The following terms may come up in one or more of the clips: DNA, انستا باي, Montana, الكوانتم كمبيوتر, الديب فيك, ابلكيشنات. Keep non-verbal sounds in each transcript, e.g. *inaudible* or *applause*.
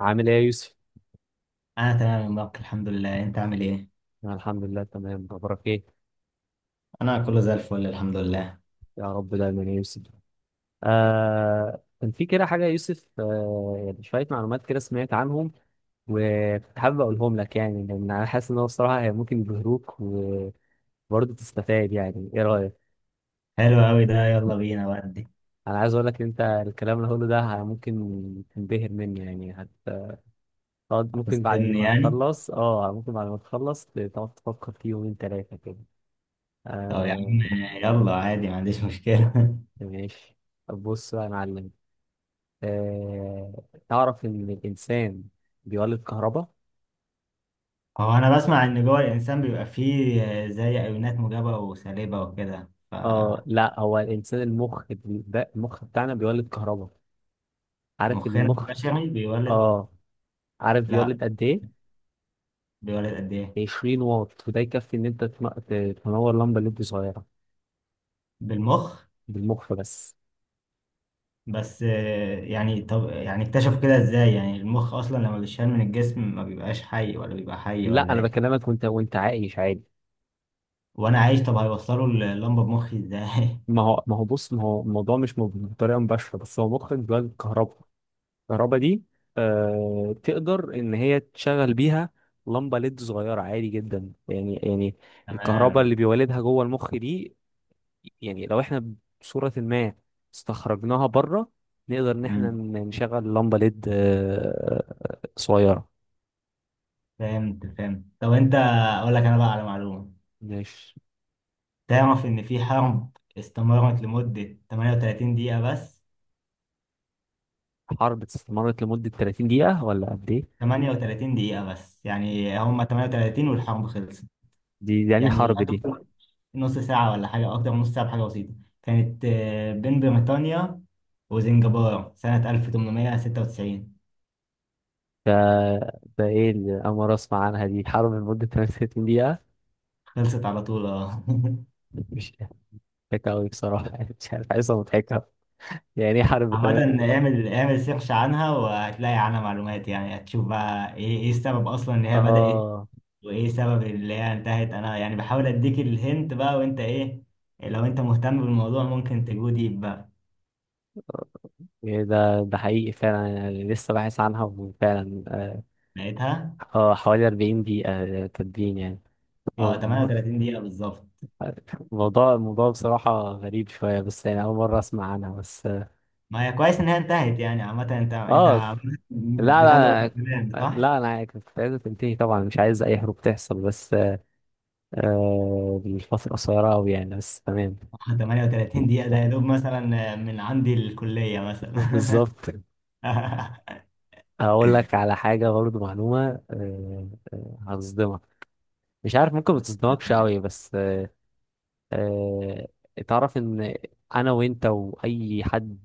عامل ايه يا يوسف؟ انا تمام يا مبارك، الحمد لله. انت عامل ايه؟ أنا الحمد لله تمام، اخبارك ايه؟ انا كله زي الفل الحمد لله. يا رب دايما يا يوسف. كان في كده حاجة يا يوسف، يعني شوية معلومات كده سمعت عنهم وكنت حابب اقولهم لك، يعني لان انا حاسس ان هو الصراحة هي ممكن يبهروك وبرضه تستفاد. يعني ايه رأيك؟ حلو قوي ده، يلا بينا ودي. انا عايز اقول لك ان انت الكلام اللي هقوله ده ممكن تنبهر منه، يعني هتقعد هتصدمني يعني؟ ممكن بعد ما تخلص تقعد تفكر فيه يومين ثلاثة كده. طب يا آه. عم، يلا عادي ما عنديش مشكله. *laughs* ماشي. طب بص بقى يا معلم. آه، تعرف إن الإنسان بيولد كهرباء؟ هو انا بسمع ان جوه الانسان بيبقى فيه زي ايونات موجبه وسالبه وكده، آه، فمخنا لا، هو الإنسان المخ بي- ده المخ بتاعنا بيولد كهرباء. عارف إن المخ البشري بيولد. آه عارف لا، بيولد قد إيه؟ بيولد قد ايه؟ 20 واط، وده يكفي إن أنت تنور لمبة ليد صغيرة. بالمخ. بالمخ بس. بس يعني طب يعني اكتشفوا كده ازاي؟ يعني المخ اصلا لما بيتشال من الجسم ما بيبقاش حي، ولا بيبقى حي لا، ولا أنا ايه؟ بكلمك وأنت عايش عادي. وانا عايش؟ طب هيوصلوا اللمبه بمخي ازاي؟ *laughs* ما هو بص، ما هو الموضوع مش بطريقة مباشرة، بس هو مخك بيولد كهرباء. الكهرباء دي تقدر ان هي تشغل بيها لمبه ليد صغيره عادي جدا، يعني الكهرباء تمام. اللي بيولدها جوه المخ دي، يعني لو احنا بصوره ما استخرجناها بره، نقدر ان احنا امم نشغل لمبه ليد صغيره. فهمت فهمت. طب انت اقول لك انا بقى على معلومه. مش تعرف ان في حرب استمرت لمده 38 دقيقه بس؟ حرب استمرت لمده 30 دقيقه ولا قد ايه؟ 38 دقيقه بس، يعني هم 38 والحرب خلصت. دي يعني يعني حرب يا دي. دوب نص ساعه ولا حاجه، او اكتر من نص ساعه بحاجه بسيطه. كانت بين بريطانيا وزنجبار سنه 1896. ده ده ايه اللي انا أول مرة اسمع عنها دي؟ حرب لمده 30 دقيقه؟ خلصت على طول اه. *laughs* مش مضحكة أوي بصراحة *laughs* مش عارف، عايزة مضحكة يعني. ايه حرب عامة، 98؟ اعمل سيرش عنها وهتلاقي عنها معلومات، يعني هتشوف بقى ايه ايه السبب اصلا ان هي بدأت اه، وايه سبب اللي هي انتهت. انا يعني بحاول اديك الهنت بقى، وانت ايه، لو انت مهتم بالموضوع ممكن تجو ديب بقى. إيه ده حقيقي فعلا، يعني لسه باحث عنها وفعلا اه. لقيتها. آه، حوالي 40 دقيقة. آه، تدوين يعني. اه مو- مو- 38 دقيقة بالظبط. الموضوع بصراحة غريب شوية، بس يعني أول مرة أسمع عنها بس ما هي كويس ان هي انتهت يعني. عامة انت انت آه، لا، بتدعو للسلام لا، صح؟ لا، أنا كنت عايزة تنتهي طبعا، مش عايز أي حروب تحصل، بس آه الفترة قصيرة أوي يعني، بس تمام. 38 دقيقة ده يا دوب مثلا من عندي الكلية *laughs* مثلا. بالظبط. *laughs* هقول لك على حاجة برضه، معلومة، هتصدمك. مش عارف، ممكن ما تصدمكش قوي، بس آه. تعرف ان انا وانت واي حد،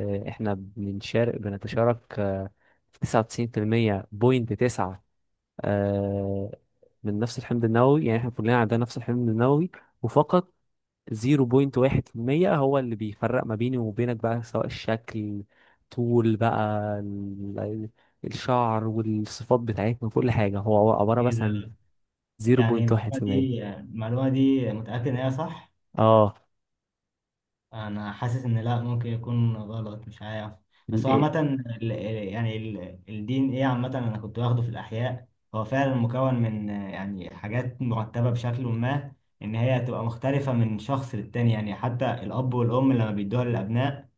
احنا بنتشارك في 99% بوينت 9 آه من نفس الحمض النووي. يعني احنا كلنا عندنا نفس الحمض النووي، وفقط 0.1% هو اللي بيفرق ما بيني وبينك، بقى سواء الشكل، طول بقى، ال- الشعر والصفات بتاعتنا وكل حاجة هو عبارة ايه بس عن ده يعني؟ المعلومة 0.1%. دي المعلومة دي متأكد ان هي صح؟ اه. انا حاسس ان لا، ممكن يكون غلط مش عارف. بس هو عامه يعني الدي ان ايه عامه انا كنت واخده في الاحياء. هو فعلا مكون من يعني حاجات مرتبه بشكل ما، ان هي هتبقى مختلفه من شخص للتاني. يعني حتى الاب والام لما بيدوها للابناء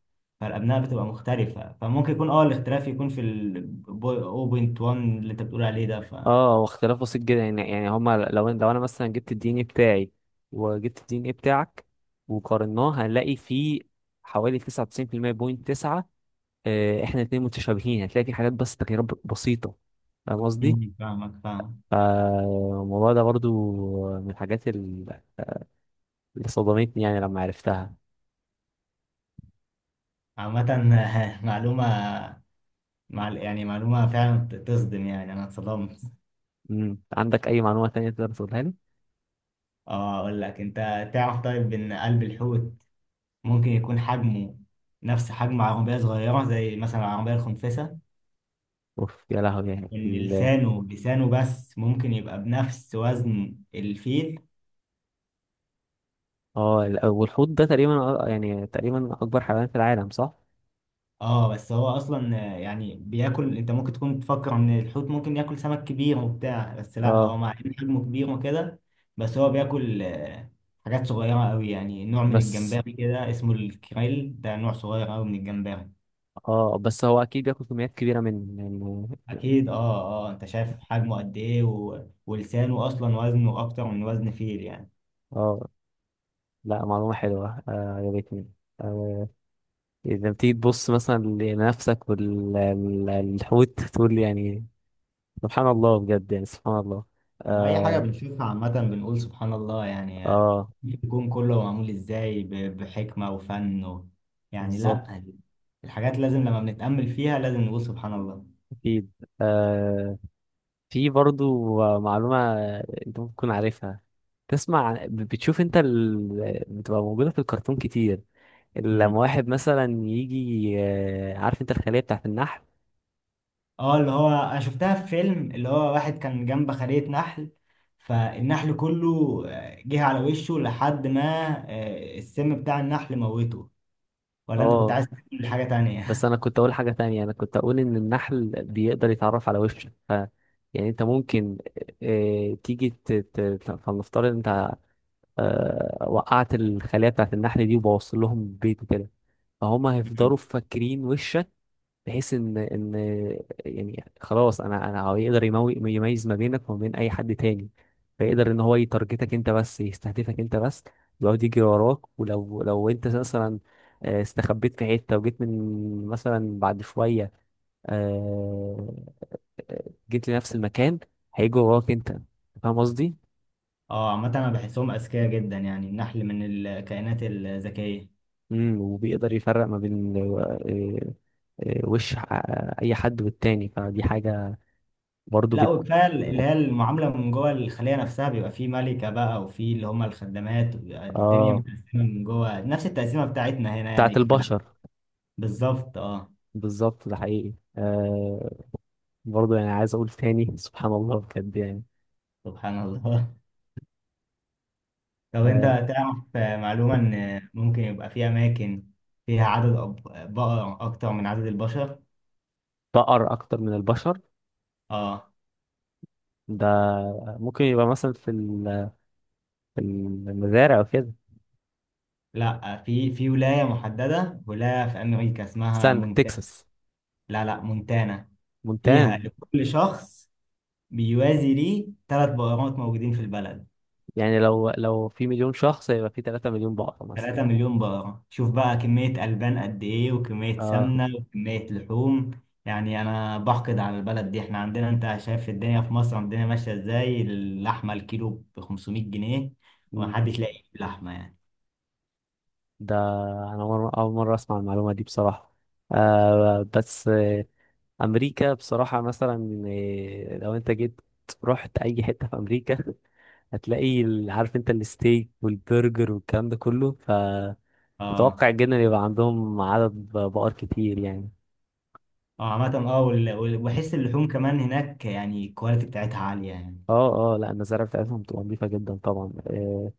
فالابناء بتبقى مختلفه، فممكن يكون اه الاختلاف يكون في ال 0.1 اللي انت بتقول عليه ده، ف اه، واختلاف بسيط جدا، يعني هما لو انا مثلا جبت الدي ان ايه بتاعي وجبت الدي ان ايه بتاعك وقارناه، هنلاقي فيه حوالي 99% بوينت 9 احنا الاتنين متشابهين، هتلاقي في حاجات بس تغييرات بسيطة. فاهم قصدي؟ فاهمك فاهم. فالموضوع ده برضو من الحاجات اللي صدمتني يعني لما عرفتها. عامه *laughs* معلومه، مع يعني معلومه فعلا تصدم، يعني انا اتصدمت. مم. عندك أي معلومة تانية تقدر تقولها لي؟ اه اقول لك انت. تعرف طيب ان قلب الحوت ممكن يكون حجمه نفس حجم عربية صغيرة زي مثلا العربية الخنفسة؟ اوف يا لهوي، يعني ان لسانه، لسانه بس ممكن يبقى بنفس وزن الفيل. اه، والحوت ده تقريبا يعني تقريبا أكبر حيوان في العالم، صح؟ اه بس هو اصلا يعني بياكل، انت ممكن تكون تفكر ان الحوت ممكن ياكل سمك كبير وبتاع، بس لا، هو اه، مع ان حجمه كبير وكده بس هو بياكل حاجات صغيرة قوي، يعني نوع من بس. الجمبري كده اسمه الكريل، ده نوع صغير قوي من الجمبري. اه، بس هو اكيد بياكل كميات كبيره من، يعني. اكيد اه. اه انت شايف حجمه قد ايه، و... ولسانه اصلا وزنه اكتر من وزن فيل يعني. اه، لا، معلومه حلوه آه، عجبتني. آه، اذا بتيجي تبص مثلا لنفسك والحوت، تقول يعني سبحان الله بجد، يعني سبحان الله. اي حاجه اه. بنشوفها عامه بنقول سبحان الله يعني. اه، الكون كله معمول ازاي ب... بحكمه وفن، و... يعني بالظبط. لا، الحاجات لازم لما بنتامل فيها لازم نقول سبحان الله. اكيد. آه، في برضو معلومه انت ممكن تكون عارفها. بتشوف انت ال، بتبقى موجوده في الكرتون كتير. لما امم واحد مثلا يجي آه، عارف انت الخليه بتاعت النحل؟ اه اللي هو انا شفتها في فيلم، اللي هو واحد كان جنب خلية نحل فالنحل كله جه على وشه لحد ما السم بتاع النحل موته. ولا انت كنت اه، عايز تقول حاجه بس تانية؟ انا *laughs* كنت اقول حاجه تانية، انا كنت اقول ان النحل بيقدر يتعرف على وشك، ف يعني انت ممكن آه، فلنفترض انت آه، وقعت الخليه بتاعت النحل دي وبوصل لهم بيت وكده، فهم مم. هيفضلوا فاكرين وشك، بحيث ان يعني خلاص، انا هو يقدر يميز ما بينك وما بين اي حد تاني، فيقدر ان هو يتارجتك انت بس، يستهدفك انت بس، يقعد يجري وراك، ولو انت مثلا آه، استخبيت في حته وجيت من مثلا بعد شويه، آه، جيت لنفس المكان، هيجي وراك انت. فاهم قصدي؟ اه عامة انا بحسهم اذكياء جدا يعني، النحل من الكائنات الذكية. وبيقدر يفرق ما بين آه، آه، وش آه، اي حد والتاني، فدي حاجه برضو لا بت. وكفاية اللي هي المعاملة من جوه الخلية نفسها، بيبقى فيه ملكة بقى وفيه اللي هم الخدامات، وبيبقى الدنيا اه. متقسمة من جوه نفس التقسيمة بتاعتنا هنا بتاعت يعني في البشر. بالظبط اه. بالظبط، ده حقيقي آه، برضه يعني عايز اقول تاني سبحان الله بجد يعني. سبحان الله. *laughs* طب انت آه، تعرف معلومة ان ممكن يبقى في اماكن فيها عدد بقر اكتر من عدد البشر؟ بقر اكتر من البشر؟ اه. ده ممكن يبقى مثلا في في المزارع وكده. لا، في في ولاية محددة، ولاية في امريكا اسمها استنى، مونتانا. تكساس؟ لا لا، مونتانا. فيها مونتانا. لكل شخص بيوازي ليه ثلاث بقرات موجودين في البلد. يعني لو في مليون شخص يبقى في 3 مليون بقرة مثلا. 3 مليون بقرة، شوف بقى كمية ألبان قد إيه وكمية اه. سمنة وكمية لحوم. يعني أنا بحقد على البلد دي، إحنا عندنا أنت شايف الدنيا في مصر الدنيا ماشية إزاي، اللحمة الكيلو ب 500 جنيه مم. ومحدش لاقي لحمة يعني. ده انا اول مرة اسمع المعلومة دي بصراحة. آه، بس آه، امريكا بصراحة مثلا، آه، لو انت جيت رحت اي حتة في امريكا، هتلاقي عارف انت الستيك والبرجر والكلام ده كله، فمتوقع آه جدا يبقى عندهم عدد بقر كتير يعني. آه. عامة آه، وبحس اللحوم كمان هناك يعني الكواليتي بتاعتها عالية يعني. اه. اه، لا المزارع بتاعتهم بتبقى نظيفة جدا طبعا. أه.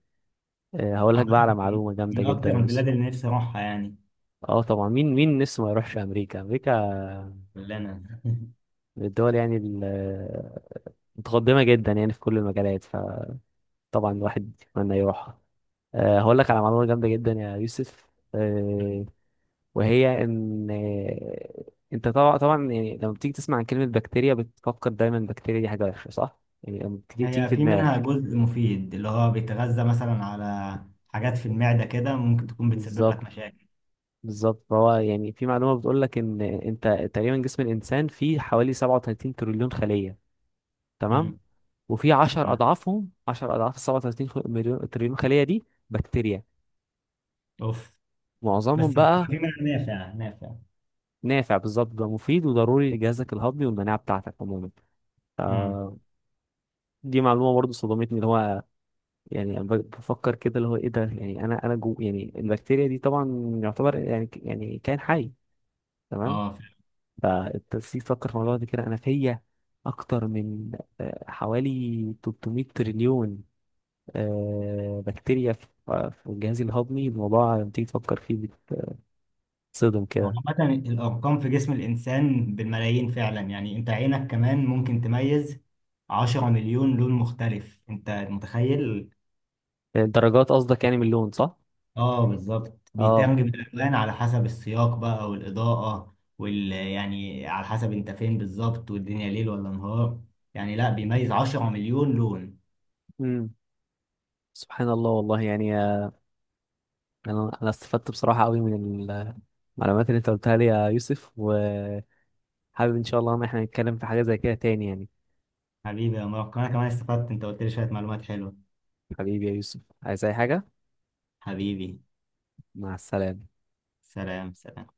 أه، هقول لك عامة بقى على من معلومة جامدة من جدا يا أكتر يوسف. البلاد اللي نفسي أروحها يعني. اه، طبعا، مين لسه ما يروحش امريكا؟ امريكا كلنا. من الدول يعني متقدمة جدا يعني في كل المجالات، فطبعا الواحد يتمنى يروحها. أه هقول لك على معلومة جامدة جدا يا يوسف. آه، *laughs* وهي ان انت طبعا، طبعا يعني لما بتيجي تسمع عن كلمة بكتيريا بتفكر دايما البكتيريا دي حاجة وحشة، صح؟ يعني لما بتيجي هي في في منها دماغك. جزء مفيد اللي هو بيتغذى مثلا على حاجات في المعدة كده، ممكن تكون بتسبب لك بالظبط. مشاكل. بالظبط، فهو يعني في معلومة بتقول لك ان انت تقريبا جسم الانسان فيه حوالي 37 تريليون خلية، تمام؟ امم وفي 10 تمام. 10 اضعاف ال 37 مليون تريليون خلية دي بكتيريا. اوف. بس معظمهم بتبقى بقى في منها نافع، نافع. نافع، بالظبط، بقى مفيد وضروري لجهازك الهضمي والمناعة بتاعتك عموما. امم دي معلومة برضه صدمتني، اللي هو يعني بفكر كده، اللي هو ايه ده؟ يعني انا جو، يعني البكتيريا دي طبعا يعتبر يعني يعني كائن حي. تمام. اه فعلا. فالتنسيق، فكر في الموضوع ده كده، انا فيا اكتر من آه، حوالي 300 تريليون آه، بكتيريا في آه، في الجهاز الهضمي. الموضوع لما تيجي تفكر فيه بتصدم هو كده. عامة الأرقام في جسم الإنسان بالملايين فعلا يعني. أنت عينك كمان ممكن تميز 10 مليون لون مختلف، أنت متخيل؟ الدرجات قصدك يعني من اللون، صح؟ اه بالظبط، اه. بيترجم الالوان على حسب السياق بقى والاضاءه، وال يعني على حسب انت فين بالظبط والدنيا ليل ولا نهار، يعني لا بيميز 10 مليون لون. امم. سبحان الله والله يعني، آه، انا استفدت بصراحة قوي من المعلومات اللي انت قلتها لي يا يوسف، و حابب ان شاء الله ان احنا نتكلم في حاجة زي كده تاني يعني. حبيبي يا مارك، انا كمان استفدت، انت قلت لي شويه معلومات حلوه. حبيبي يا يوسف، عايز اي حاجة؟ حبيبي. مع السلامة. سلام سلام.